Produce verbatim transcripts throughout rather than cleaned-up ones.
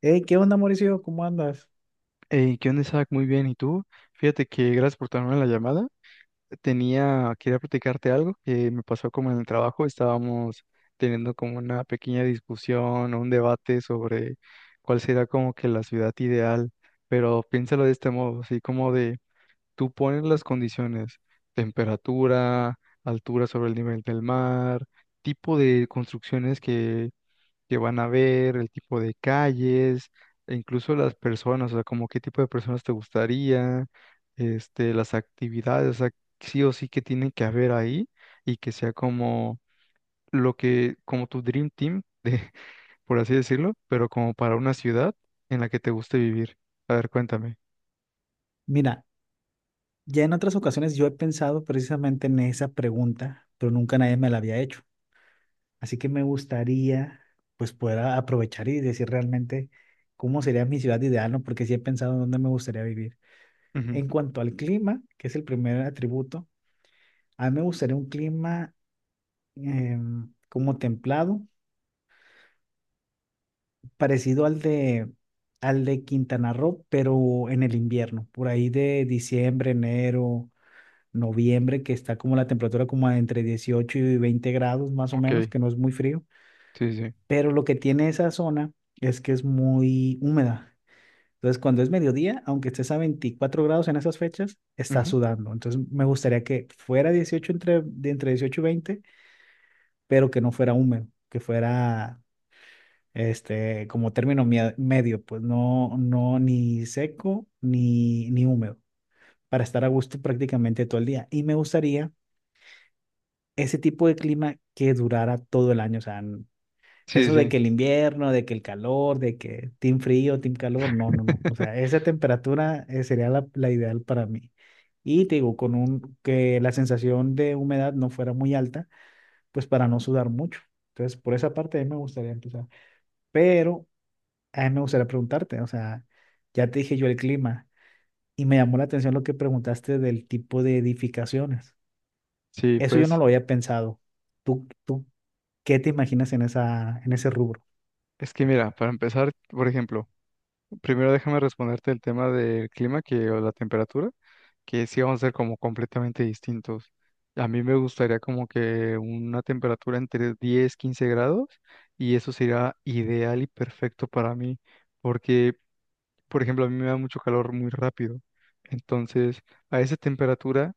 Hey, ¿qué onda, Mauricio? ¿Cómo andas? Hey, ¿qué onda, Isaac? Muy bien. ¿Y tú? Fíjate que gracias por tomarme la llamada. Tenía, quería platicarte algo que me pasó como en el trabajo. Estábamos teniendo como una pequeña discusión o un debate sobre cuál será como que la ciudad ideal. Pero piénsalo de este modo, así como de tú pones las condiciones, temperatura, altura sobre el nivel del mar, tipo de construcciones que van a ver, el tipo de calles, e incluso las personas, o sea, como qué tipo de personas te gustaría, este, las actividades, o sea, sí o sí que tienen que haber ahí y que sea como lo que, como tu dream team, de, por así decirlo, pero como para una ciudad en la que te guste vivir. A ver, cuéntame. Mira, ya en otras ocasiones yo he pensado precisamente en esa pregunta, pero nunca nadie me la había hecho. Así que me gustaría, pues, poder a- aprovechar y decir realmente cómo sería mi ciudad ideal, ¿no? Porque sí he pensado en dónde me gustaría vivir. Ujú. En cuanto al clima, que es el primer atributo, a mí me gustaría un clima em, como templado, parecido al de, al de Quintana Roo, pero en el invierno, por ahí de diciembre, enero noviembre, que está como la temperatura como a entre dieciocho y veinte grados más o Ok, menos, que no es muy frío, sí, sí. pero lo que tiene esa zona es que es muy húmeda. Entonces, cuando es mediodía, aunque estés a veinticuatro grados en esas fechas, estás Ujú. sudando. Entonces, me gustaría que fuera dieciocho entre, de entre dieciocho y veinte, pero que no fuera húmedo, que fuera este como término mie- medio, pues no no ni seco ni ni húmedo, para estar a gusto prácticamente todo el día. Y me gustaría ese tipo de clima que durara todo el año. O sea, Sí, eso de sí. que el invierno, de que el calor, de que team frío, team calor, no, Sí. no, no. O sea, esa temperatura eh, sería la, la ideal para mí. Y te digo, con un, que la sensación de humedad no fuera muy alta, pues para no sudar mucho. Entonces, por esa parte a mí me gustaría empezar. Pero a mí me gustaría preguntarte, o sea, ya te dije yo el clima y me llamó la atención lo que preguntaste del tipo de edificaciones. Eso yo no Pues lo había pensado. ¿Tú, tú ¿Qué te imaginas en esa, en ese rubro? es que mira, para empezar, por ejemplo, primero déjame responderte el tema del clima que, o la temperatura. Que sí vamos a ser como completamente distintos. A mí me gustaría como que una temperatura entre diez quince grados y eso sería ideal y perfecto para mí, porque, por ejemplo, a mí me da mucho calor muy rápido. Entonces, a esa temperatura,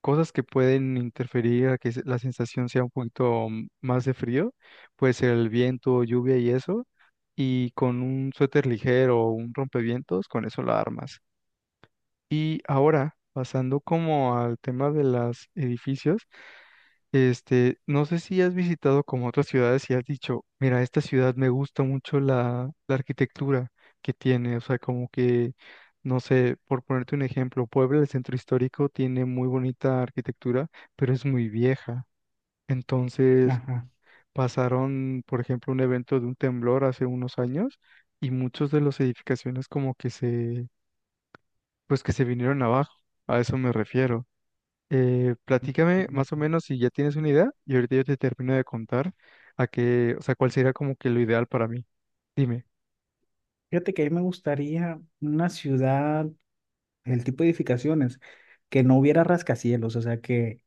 cosas que pueden interferir a que se- la sensación sea un poquito mm, más de frío, puede ser el viento, lluvia y eso, y con un suéter ligero o un rompevientos, con eso la armas. Y ahora, pasando como al tema de los edificios, este, no sé si has visitado como otras ciudades y has dicho, mira, esta ciudad me gusta mucho la, la arquitectura que tiene, o sea, como que, no sé, por ponerte un ejemplo, Puebla, el centro histórico, tiene muy bonita arquitectura, pero es muy vieja. Entonces, Ajá. pasaron, por ejemplo, un evento de un temblor hace unos años y muchos de las edificaciones como que se, pues que se vinieron abajo, a eso me refiero. Eh, platícame más o menos si ya tienes una idea y ahorita yo te termino de contar a qué, o sea, cuál sería como que lo ideal para mí. Dime. Fíjate que a mí me gustaría una ciudad, el tipo de edificaciones, que no hubiera rascacielos, o sea, que,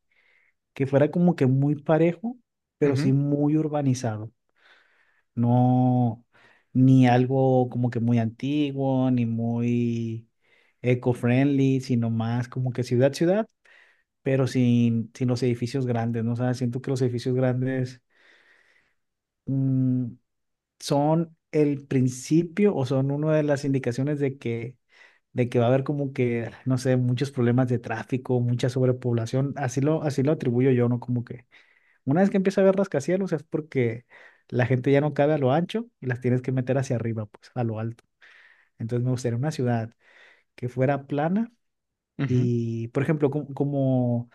que fuera como que muy parejo, pero Ujú. sí muy urbanizado. No, ni algo como que muy antiguo, ni muy eco-friendly, sino más como que ciudad-ciudad, pero sin, sin los edificios grandes, ¿no? O sea, siento que los edificios grandes, mm, son el principio o son una de las indicaciones de que, de que va a haber como que, no sé, muchos problemas de tráfico, mucha sobrepoblación. Así lo, así lo atribuyo yo, ¿no? Como que una vez que empieza a haber rascacielos es porque la gente ya no cabe a lo ancho y las tienes que meter hacia arriba, pues, a lo alto. Entonces me gustaría una ciudad que fuera plana Ujú. y, por ejemplo, como, como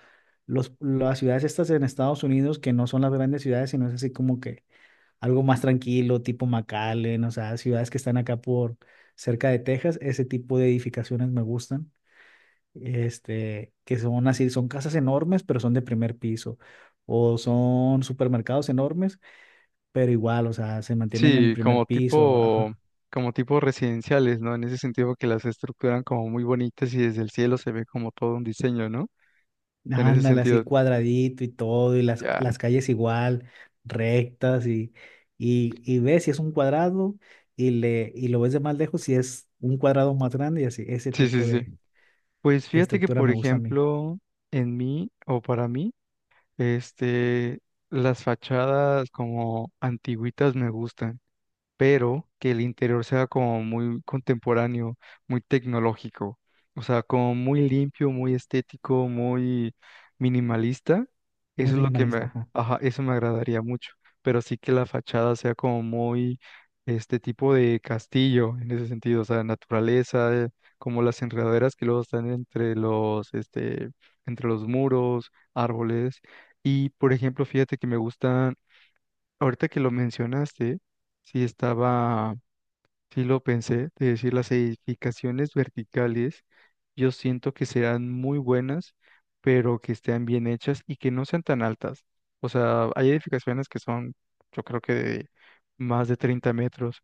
los, las ciudades estas en Estados Unidos, que no son las grandes ciudades, sino es así como que algo más tranquilo, tipo McAllen, o sea, ciudades que están acá por cerca de Texas, ese tipo de edificaciones me gustan, este, que son así, son casas enormes, pero son de primer piso, o son supermercados enormes, pero igual, o sea, se mantienen en Sí, primer como piso, tipo, ajá. como tipo residenciales, ¿no? En ese sentido que las estructuran como muy bonitas y desde el cielo se ve como todo un diseño, ¿no? En ese Ándale, así sentido, cuadradito y todo, y las, ya. las calles igual, rectas, y, y, y ves si es un cuadrado, y, le, y lo ves de más lejos si es un cuadrado más grande, y así, ese Sí, sí, tipo sí. de Pues de fíjate que, estructura por me gusta a mí. ejemplo, en mí o para mí, este, las fachadas como antiguitas me gustan. Pero que el interior sea como muy contemporáneo, muy tecnológico, o sea, como muy limpio, muy estético, muy minimalista. Eso Muy es lo que minimalista, me, ajá. Ajá, eso me agradaría mucho, pero sí que la fachada sea como muy este tipo de castillo en ese sentido, o sea, naturaleza, eh, como las enredaderas que luego están entre los, este, entre los muros, árboles. Y, por ejemplo, fíjate que me gustan Ahorita que lo mencionaste, sí estaba, sí lo pensé, de decir las edificaciones verticales, yo siento que serán muy buenas, pero que estén bien hechas y que no sean tan altas. O sea, hay edificaciones que son, yo creo que de más de treinta metros.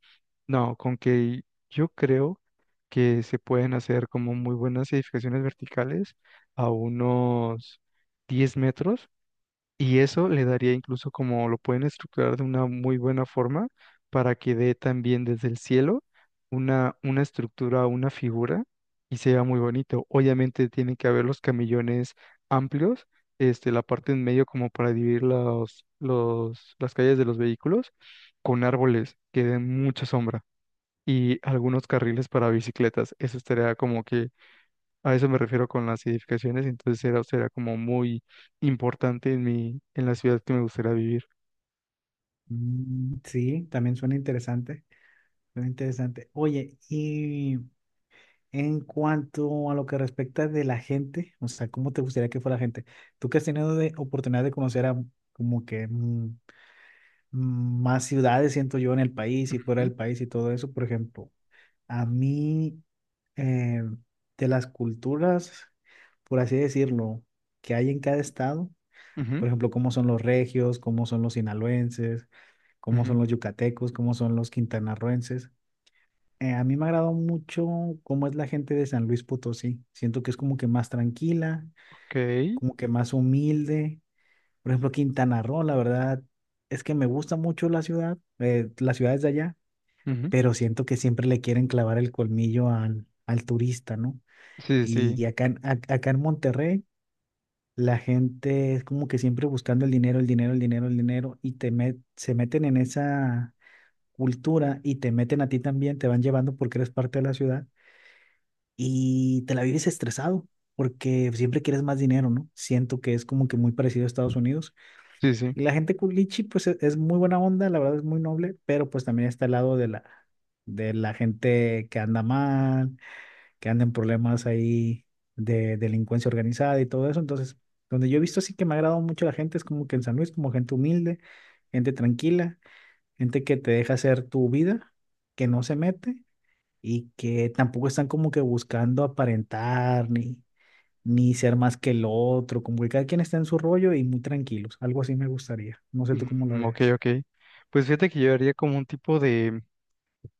No, con que yo creo que se pueden hacer como muy buenas edificaciones verticales a unos diez metros y eso le daría incluso como lo pueden estructurar de una muy buena forma para que dé también desde el cielo una, una estructura, una figura y sea muy bonito. Obviamente tienen que haber los camillones amplios, este, la parte en medio como para dividir los, los, las calles de los vehículos con árboles que den mucha sombra y algunos carriles para bicicletas. Eso estaría como que A eso me refiero con las edificaciones, entonces era, será como muy importante en mi, en la ciudad que me gustaría vivir. Mm, sí, también suena interesante. Suena interesante. Oye, y en cuanto a lo que respecta de la gente, o sea, ¿cómo te gustaría que fuera la gente? Tú que has tenido de oportunidad de conocer a como que mm, mm, más ciudades, siento yo, en el país y fuera Ujú. del país y todo eso, por ejemplo, a mí, eh, de las culturas, por así decirlo, que hay en cada estado. Ujú. Por ejemplo, cómo son los regios, cómo son los sinaloenses, cómo Ujú. son los yucatecos, cómo son los quintanarroenses. Eh, a mí me ha agradado mucho cómo es la gente de San Luis Potosí. Siento que es como que más tranquila, Ok. como que más humilde. Por ejemplo, Quintana Roo, la verdad, es que me gusta mucho la ciudad, eh, las ciudades de allá, Ujú. pero siento que siempre le quieren clavar el colmillo al, al turista, ¿no? Sí, sí, Y acá, en- ac- acá en Monterrey, la gente es como que siempre buscando el dinero, el dinero, el dinero, el dinero, y te met- se meten en esa cultura y te meten a ti también, te van llevando porque eres parte de la ciudad y te la vives estresado porque siempre quieres más dinero, ¿no? Siento que es como que muy parecido a Estados Unidos. sí, sí. Y la gente culichi, pues e- es muy buena onda, la verdad es muy noble, pero pues también está el lado de la, de la gente que anda mal, que andan en problemas ahí de delincuencia organizada y todo eso. Entonces, donde yo he visto así que me ha agradado mucho la gente es como que en San Luis, como gente humilde, gente tranquila, gente que te deja hacer tu vida, que no se mete y que tampoco están como que buscando aparentar ni, ni ser más que el otro, como que cada quien está en su rollo y muy tranquilos. Algo así me gustaría. No sé tú cómo lo Mm, ok, veas. ok. Pues fíjate que yo haría como un tipo de,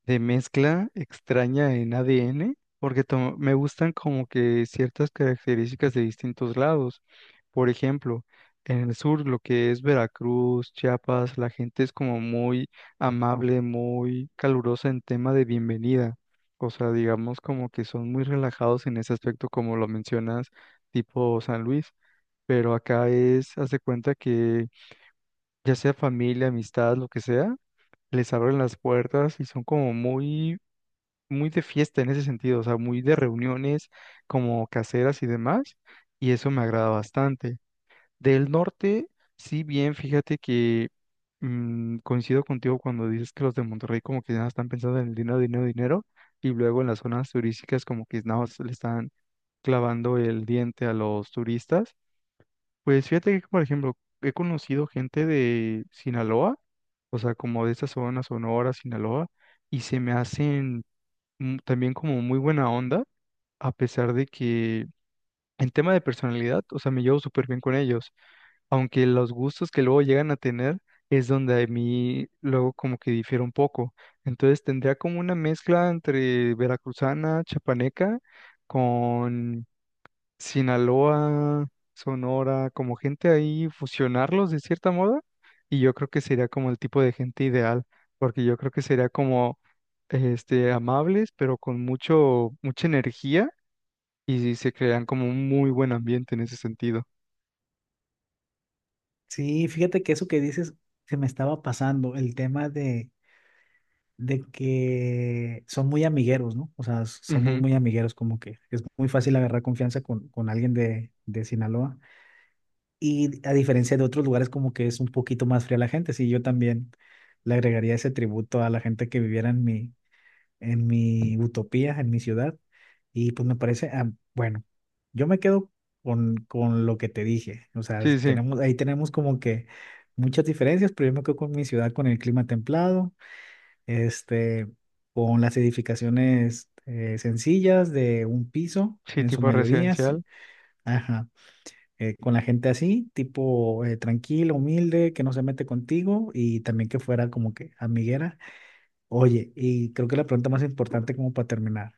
de mezcla extraña en A D N, porque to- me gustan como que ciertas características de distintos lados. Por ejemplo, en el sur, lo que es Veracruz, Chiapas, la gente es como muy amable, muy calurosa en tema de bienvenida. O sea, digamos como que son muy relajados en ese aspecto, como lo mencionas, tipo San Luis. Pero acá es, hace cuenta que ya sea familia, amistad, lo que sea, les abren las puertas y son como muy, muy de fiesta en ese sentido, o sea, muy de reuniones como caseras y demás. Y eso me agrada bastante. Del norte, sí, bien, fíjate que mm, coincido contigo cuando dices que los de Monterrey como que nada están pensando en el dinero, dinero, dinero, y luego en las zonas turísticas como que nada más le están clavando el diente a los turistas. Pues fíjate que, por ejemplo, he conocido gente de Sinaloa, o sea, como de esta zona, Sonora, Sinaloa, y se me hacen mm, también como muy buena onda, a pesar de que en tema de personalidad, o sea, me llevo súper bien con ellos aunque los gustos que luego llegan a tener es donde a mí luego como que difiere un poco. Entonces tendría como una mezcla entre veracruzana, chapaneca, con Sinaloa, Sonora, como gente ahí, fusionarlos de cierta moda, y yo creo que sería como el tipo de gente ideal, porque yo creo que sería como este, amables, pero con mucho, mucha energía, y se crean como un muy buen ambiente en ese sentido. Sí, fíjate que eso que dices se me estaba pasando, el tema de de que son muy amigueros, ¿no? O sea, s- somos Ujú. muy amigueros, como que es muy fácil agarrar confianza con, con alguien de, de Sinaloa. Y a diferencia de otros lugares, como que es un poquito más fría la gente. Sí, yo también le agregaría ese tributo a la gente que viviera en mi, en mi utopía, en mi ciudad. Y pues me parece, ah, bueno, yo me quedo con, con lo que te dije. O sea, Sí, sí. tenemos, ahí tenemos como que muchas diferencias, pero yo me quedo con mi ciudad, con el clima templado este, con las edificaciones eh, sencillas de un piso, Sí, en su tipo mayoría, sí, residencial. ajá, eh, con la gente así, tipo eh, tranquila, humilde, que no se mete contigo y también que fuera como que amiguera. Oye, y creo que la pregunta más importante como para terminar,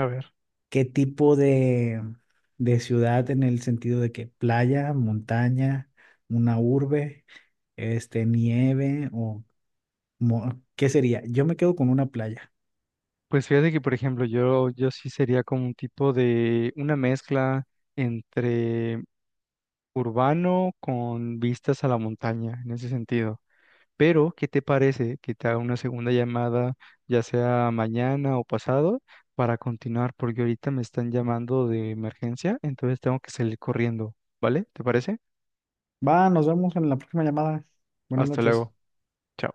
A ver, ¿qué tipo de, de ciudad en el sentido de que playa, montaña, una urbe, este, nieve o mo- qué sería? Yo me quedo con una playa. pues fíjate que, por ejemplo, yo, yo sí sería como un tipo de una mezcla entre urbano con vistas a la montaña, en ese sentido. Pero, ¿qué te parece que te haga una segunda llamada, ya sea mañana o pasado, para continuar? Porque ahorita me están llamando de emergencia, entonces tengo que salir corriendo, ¿vale? ¿Te parece? Va, nos vemos en la próxima llamada. Buenas Hasta noches. luego. Chao.